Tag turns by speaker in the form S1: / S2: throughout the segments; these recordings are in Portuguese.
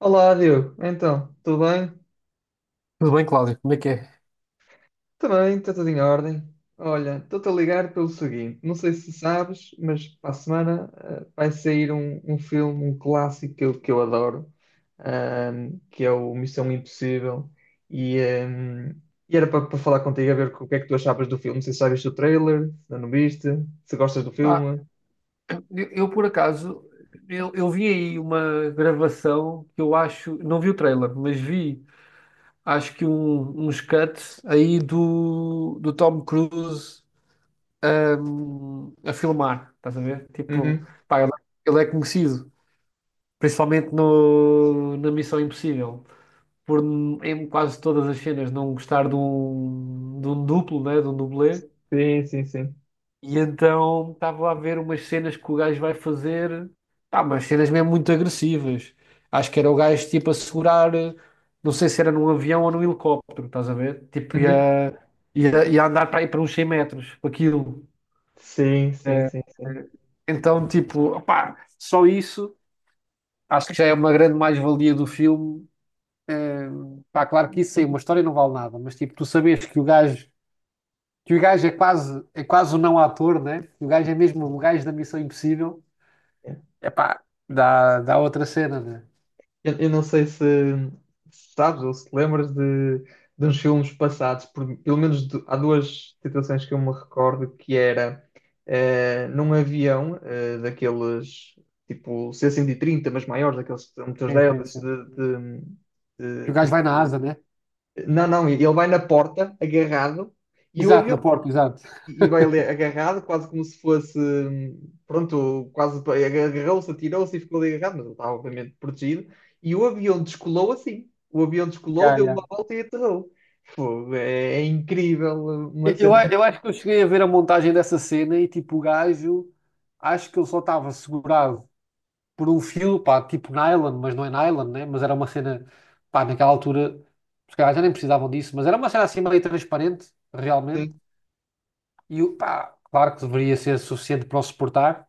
S1: Olá, Diogo. Então, tudo bem?
S2: Tudo bem, Cláudio? Como é que é?
S1: Também, está tudo em ordem. Olha, estou-te a ligar pelo seguinte: não sei se sabes, mas para a semana vai sair um filme, um clássico que eu adoro, que é o Missão Impossível. E, ahm, e era para falar contigo, a ver o que é que tu achavas do filme. Não sei se já viste o trailer, se ainda não viste, se gostas do
S2: Ah,
S1: filme.
S2: eu, por acaso, eu vi aí uma gravação que eu acho, não vi o trailer, mas vi, acho que uns cuts aí do Tom Cruise, a filmar, estás a ver? Tipo,
S1: Uhum.
S2: pá, ele é conhecido, principalmente no, na Missão Impossível, por em quase todas as cenas não gostar de um duplo, né, de um dublê.
S1: Sim, sim, sim.
S2: E então estava a ver umas cenas que o gajo vai fazer, pá, umas cenas mesmo muito agressivas. Acho que era o gajo tipo a segurar, não sei se era num avião ou num helicóptero, estás a ver? Tipo,
S1: Uhum.
S2: ia, ia andar para aí para uns 100 metros, para aquilo.
S1: Sim, sim,
S2: Eh,
S1: sim, sim.
S2: eh, Então, tipo, opá, só isso acho que já é uma grande mais-valia do filme. Eh, Pá, claro que isso aí, uma história não vale nada, mas tipo, tu sabes que o gajo é quase o não ator, né? O gajo é mesmo o gajo da Missão Impossível. É pá, dá, dá outra cena, né?
S1: Eu não sei se, se sabes ou se te lembras de uns filmes passados, pelo menos há duas situações que eu me recordo, que era num avião daqueles tipo C-130, mas maiores, daqueles motores
S2: Sim, sim,
S1: deles
S2: sim. Que o
S1: de-
S2: gajo vai na asa, né?
S1: não, não, ele vai na porta agarrado e o
S2: Exato, na
S1: avião
S2: porta, exato.
S1: e vai ali agarrado, quase como se fosse, pronto, agarrou-se, atirou-se e ficou ali agarrado, mas ele estava obviamente protegido. E o avião descolou assim. O avião descolou,
S2: Yeah,
S1: deu
S2: yeah.
S1: uma volta e aterrou. Fogo, é, é incrível uma
S2: Eu, eu
S1: cena
S2: a- eu acho que eu cheguei a ver a montagem dessa cena e tipo, o gajo, acho que ele só estava segurado por um fio, pá, tipo nylon, mas não é nylon, né? Mas era uma cena, pá, naquela altura, os caras já nem precisavam disso, mas era uma cena assim meio transparente, realmente.
S1: assim.
S2: Pá, claro que deveria ser suficiente para o suportar,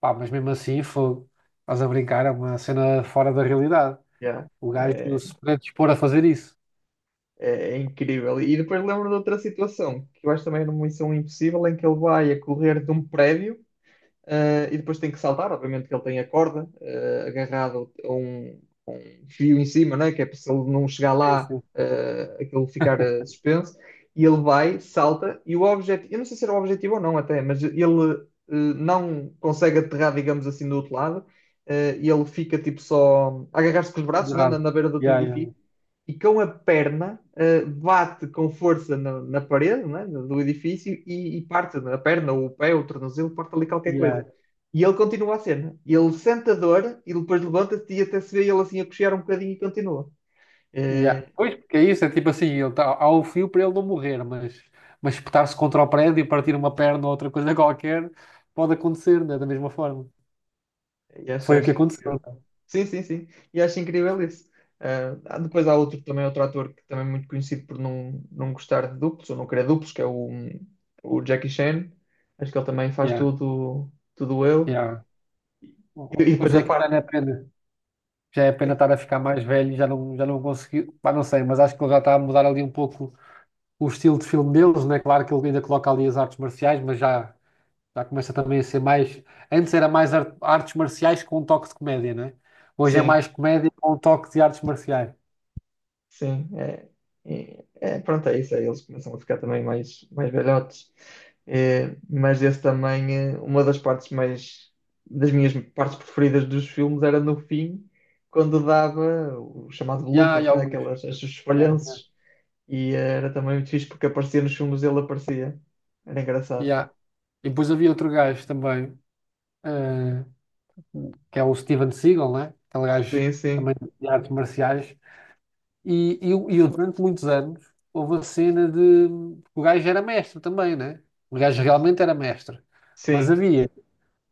S2: pá, mas mesmo assim, foi, estás a brincar, é uma cena fora da realidade.
S1: Yeah,
S2: O gajo
S1: é,
S2: se predispor a fazer isso.
S1: é incrível. E depois lembro de outra situação, que eu acho também numa missão impossível, em que ele vai a correr de um prédio. E depois tem que saltar, obviamente que ele tem a corda agarrado a um fio em cima, né? Que é para se ele não chegar
S2: É
S1: lá,
S2: assim,
S1: aquilo ficar suspenso, e ele vai, salta, e o objetivo, eu não sei se era o objetivo ou não até, mas ele não consegue aterrar, digamos assim, do outro lado, e ele fica tipo só a agarrar-se com os braços né? Na,
S2: pendurado.
S1: na beira do outro
S2: Yeah, yeah,
S1: edifício, e com a perna bate com força na, na parede, né, do edifício e parte a perna, ou o pé, ou o tornozelo, parte ali qualquer coisa.
S2: yeah,
S1: E ele continua a cena. Ele sente a dor e depois levanta-se e até se vê ele assim a coxear um bocadinho e continua. Eh,
S2: yeah. Pois, porque é isso, é tipo assim, ele tá, há o fio para ele não morrer, mas espetar-se contra o prédio e partir uma perna ou outra coisa qualquer pode acontecer, né? Da mesma forma.
S1: e acho,
S2: Foi o que
S1: acho incrível.
S2: aconteceu. Tá?
S1: Sim, sim, sim. E acho incrível isso. Ah, depois há outro também, outro ator que também é muito conhecido por não, não gostar de duplos ou não querer duplos, que é o Jackie Chan. Acho que ele também faz
S2: Yeah,
S1: tudo, tudo eu.
S2: yeah.
S1: E depois
S2: Hoje
S1: a
S2: é que já
S1: parte.
S2: não é pena. Já é pena estar a ficar mais velho e já não conseguiu. Pá, não sei, mas acho que ele já está a mudar ali um pouco o estilo de filme deles, né? Claro que ele ainda coloca ali as artes marciais, mas já já começa também a ser mais. Antes era mais artes marciais com um toque de comédia, não é? Hoje é
S1: Sim,
S2: mais comédia com um toque de artes marciais.
S1: sim. É, é, pronto, é isso. Aí eles começam a ficar também mais, mais velhotes. É, mas esse também, é, uma das partes mais, das minhas partes preferidas dos filmes era no fim, quando dava o chamado
S2: E há
S1: bloopers, né?
S2: Augusto.
S1: Aquelas, esses
S2: Já, já.
S1: falhanços. E era também muito fixe porque aparecia nos filmes, ele aparecia. Era engraçado.
S2: Já. E depois havia outro gajo também, eh, que é o Steven Seagal, né? Aquele gajo
S1: Sim, sim,
S2: também de artes marciais. E eu, durante muitos anos, houve a cena de. O gajo era mestre também, né? O gajo realmente era mestre. Mas
S1: sim.
S2: havia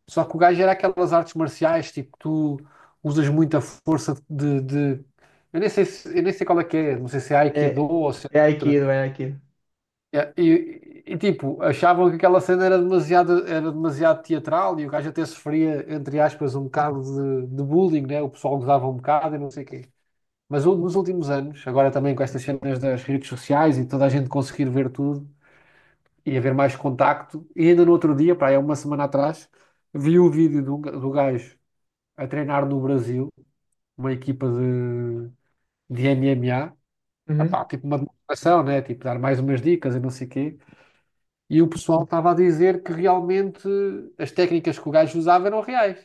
S2: só que o gajo era aquelas artes marciais, tipo, tu usas muita força de. Eu nem sei qual é que é, não sei se é Aikido
S1: É,
S2: ou se é
S1: é
S2: outra.
S1: Aikido, é Aikido.
S2: É, e, tipo, achavam que aquela cena era demasiado teatral e o gajo até sofria, entre aspas, um bocado de bullying, né? O pessoal gozava um bocado e não sei o quê. Mas nos últimos anos, agora também com estas cenas das redes sociais e toda a gente conseguir ver tudo e haver mais contacto, e ainda no outro dia, pá, é uma semana atrás, vi o vídeo do gajo a treinar no Brasil, uma equipa de MMA.
S1: Uhum.
S2: Epá, tipo uma demonstração, né? Tipo, dar mais umas dicas e não sei o quê. E o pessoal estava a dizer que realmente as técnicas que o gajo usava eram reais.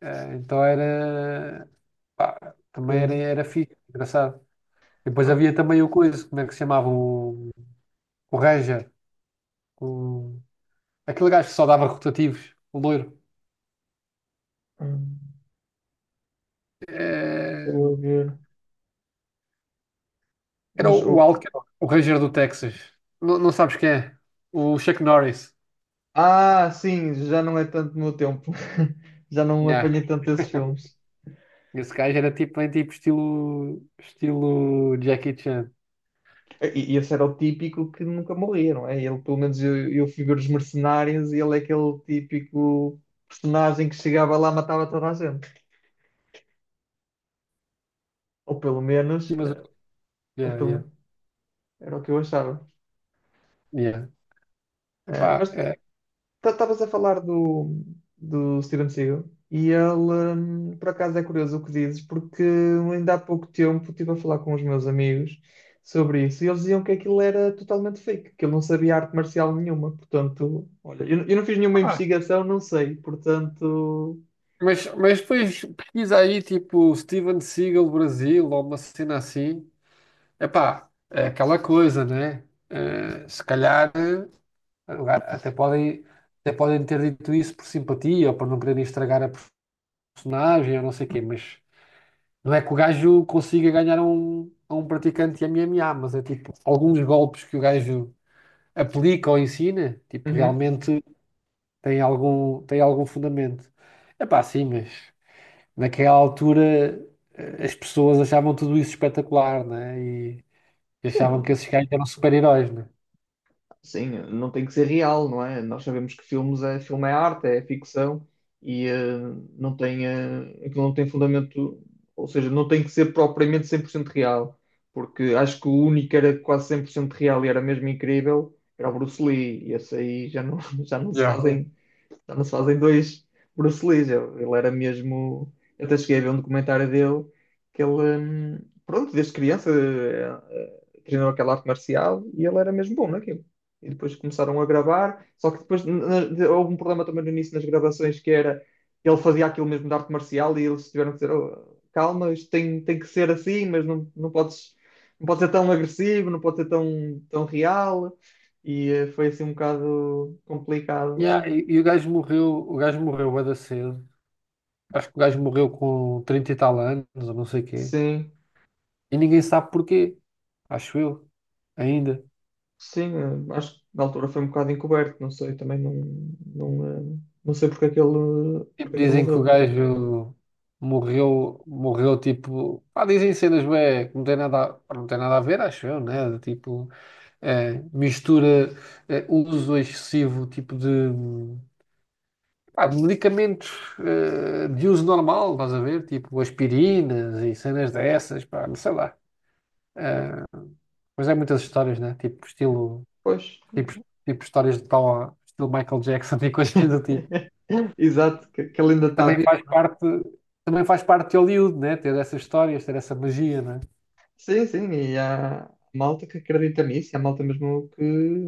S2: Então era, pá,
S1: Ok.
S2: também era, era fixe, engraçado. Depois
S1: Ok.
S2: havia também o coisa, como é que se chamava? O Ranger, o, aquele gajo que só dava rotativos, o loiro.
S1: Hum. Estou
S2: Eh,
S1: a ver.
S2: Era
S1: Mas o,
S2: o Alcyon, o Ranger do Texas. Não, não sabes quem é? O Chuck Norris.
S1: ah, sim, já não é tanto no meu tempo. Já não
S2: Yeah.
S1: apanhei tanto esses filmes.
S2: Esse gajo era tipo, bem tipo estilo Jackie Chan.
S1: E esse era o típico que nunca morria, não é? Ele, pelo menos eu figuro os mercenários e ele é aquele típico personagem que chegava lá e matava toda a gente. Ou pelo menos,
S2: E, Mas,
S1: ou
S2: yeah,
S1: pelo...
S2: yeah,
S1: era o que eu achava.
S2: yeah. Epá,
S1: Mas
S2: é,
S1: então, estavas a falar do, do Steven Seagal e ele, por acaso, é curioso o que dizes, porque ainda há pouco tempo estive a falar com os meus amigos sobre isso e eles diziam que aquilo era totalmente fake, que ele não sabia arte marcial nenhuma. Portanto, olha, eu não fiz nenhuma
S2: ah,
S1: investigação, não sei. Portanto,
S2: mas depois pesquisa aí tipo Steven Seagal Brasil ou uma cena assim. Epá, é aquela coisa, né? Se calhar agora até podem ter dito isso por simpatia ou para não quererem estragar a personagem ou não sei o quê, mas não é que o gajo consiga ganhar a um praticante de MMA, mas é tipo, alguns golpes que o gajo aplica ou ensina, tipo,
S1: uhum.
S2: realmente tem algum fundamento. É pá, sim, mas naquela altura, as pessoas achavam tudo isso espetacular, né? E
S1: Sim,
S2: achavam que
S1: não,
S2: esses gajos eram super-heróis, né?
S1: sim, não tem que ser real, não é? Nós sabemos que filmes é, filme é arte, é ficção e não tem, aquilo não tem fundamento, ou seja, não tem que ser propriamente 100% real, porque acho que o único que era quase 100% real e era mesmo incrível era o Bruce Lee, e esse aí já não, já não se
S2: Yeah, yeah.
S1: fazem, já não se fazem dois Bruce Lees. Ele era mesmo. Eu até cheguei a ver um documentário dele que ele, pronto, desde criança treinou aquela arte marcial e ele era mesmo bom naquilo. E depois começaram a gravar, só que depois houve um problema também no início nas gravações que era ele fazia aquilo mesmo de arte marcial e eles tiveram que dizer: "Oh, calma, isto tem, tem que ser assim, mas não, não podes, não pode ser tão agressivo, não pode ser tão, tão real. E foi assim um bocado complicado.
S2: Yeah, e o gajo morreu bué da cedo. Acho que o gajo morreu com 30 e tal anos, ou não sei o quê.
S1: Sim,
S2: E ninguém sabe porquê, acho eu, ainda.
S1: sim, acho que na altura foi um bocado encoberto, não sei, também não, não, não sei porque é que ele,
S2: Tipo,
S1: porque é que ele
S2: dizem que o
S1: morreu.
S2: gajo morreu, morreu tipo. Pá, dizem cenas bué, que não tem nada, pá, não tem nada a ver, acho eu, né? De tipo, mistura, uso excessivo tipo pá, de medicamentos, de uso normal, estás a ver? Tipo aspirinas e cenas dessas, pá, não sei lá. Eh, mas é muitas histórias, né? Tipo, estilo,
S1: Pois,
S2: tipo, tipo histórias de tal, estilo Michael Jackson e coisas do tipo.
S1: exato, que ele ainda
S2: Que
S1: está vivo.
S2: também faz parte de Hollywood, né? Ter essas histórias, ter essa magia, né?
S1: Sim, sim, e há malta que acredita nisso, e há malta mesmo que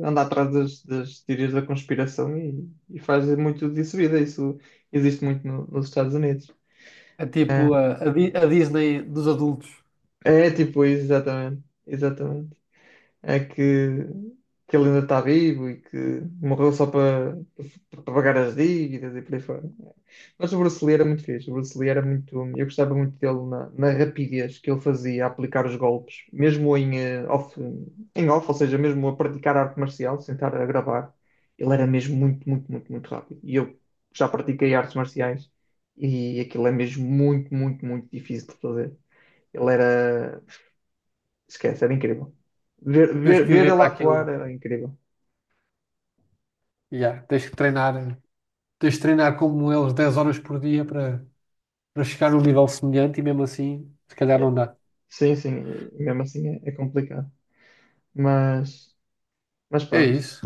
S1: anda atrás das, das teorias da conspiração e faz muito disso vida, isso existe muito nos Estados Unidos.
S2: É tipo a Disney dos adultos.
S1: É, tipo, exatamente, exatamente. É que ele ainda está vivo e que morreu só para, para pagar as dívidas e por aí fora. Mas o Bruce Lee era muito fixe, o Bruce Lee era muito. Eu gostava muito dele na, na rapidez que ele fazia a aplicar os golpes, mesmo em, off, em off, ou seja, mesmo a praticar arte marcial, sem estar a gravar. Ele era mesmo muito, muito, muito, muito rápido. E eu já pratiquei artes marciais e aquilo é mesmo muito, muito, muito difícil de fazer. Ele era. Esquece, era incrível. Ver,
S2: Tens que
S1: ver, ver
S2: viver
S1: ele
S2: para aquilo, né?
S1: atuar era incrível.
S2: Yeah, tens que treinar, né? Tens de treinar como eles 10 horas por dia para para chegar num nível semelhante e mesmo assim, se calhar
S1: É.
S2: não dá.
S1: Sim, sim, e mesmo assim é, é complicado. Mas, mas
S2: É
S1: pronto.
S2: isso.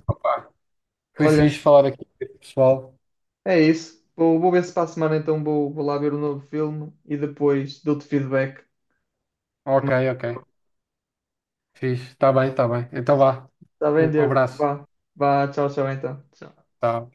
S2: Foi fixe
S1: Olha,
S2: falar aqui, com o pessoal.
S1: é isso. Vou, vou ver se para a semana então vou, vou lá ver o novo filme e depois dou-te feedback. Como
S2: Ok,
S1: é que correu.
S2: ok. Fixe. Está bem, está bem. Então vá.
S1: Está bem,
S2: Um
S1: Diego?
S2: abraço.
S1: Vá, vá, tchau, tchau então. Tchau.
S2: Tá.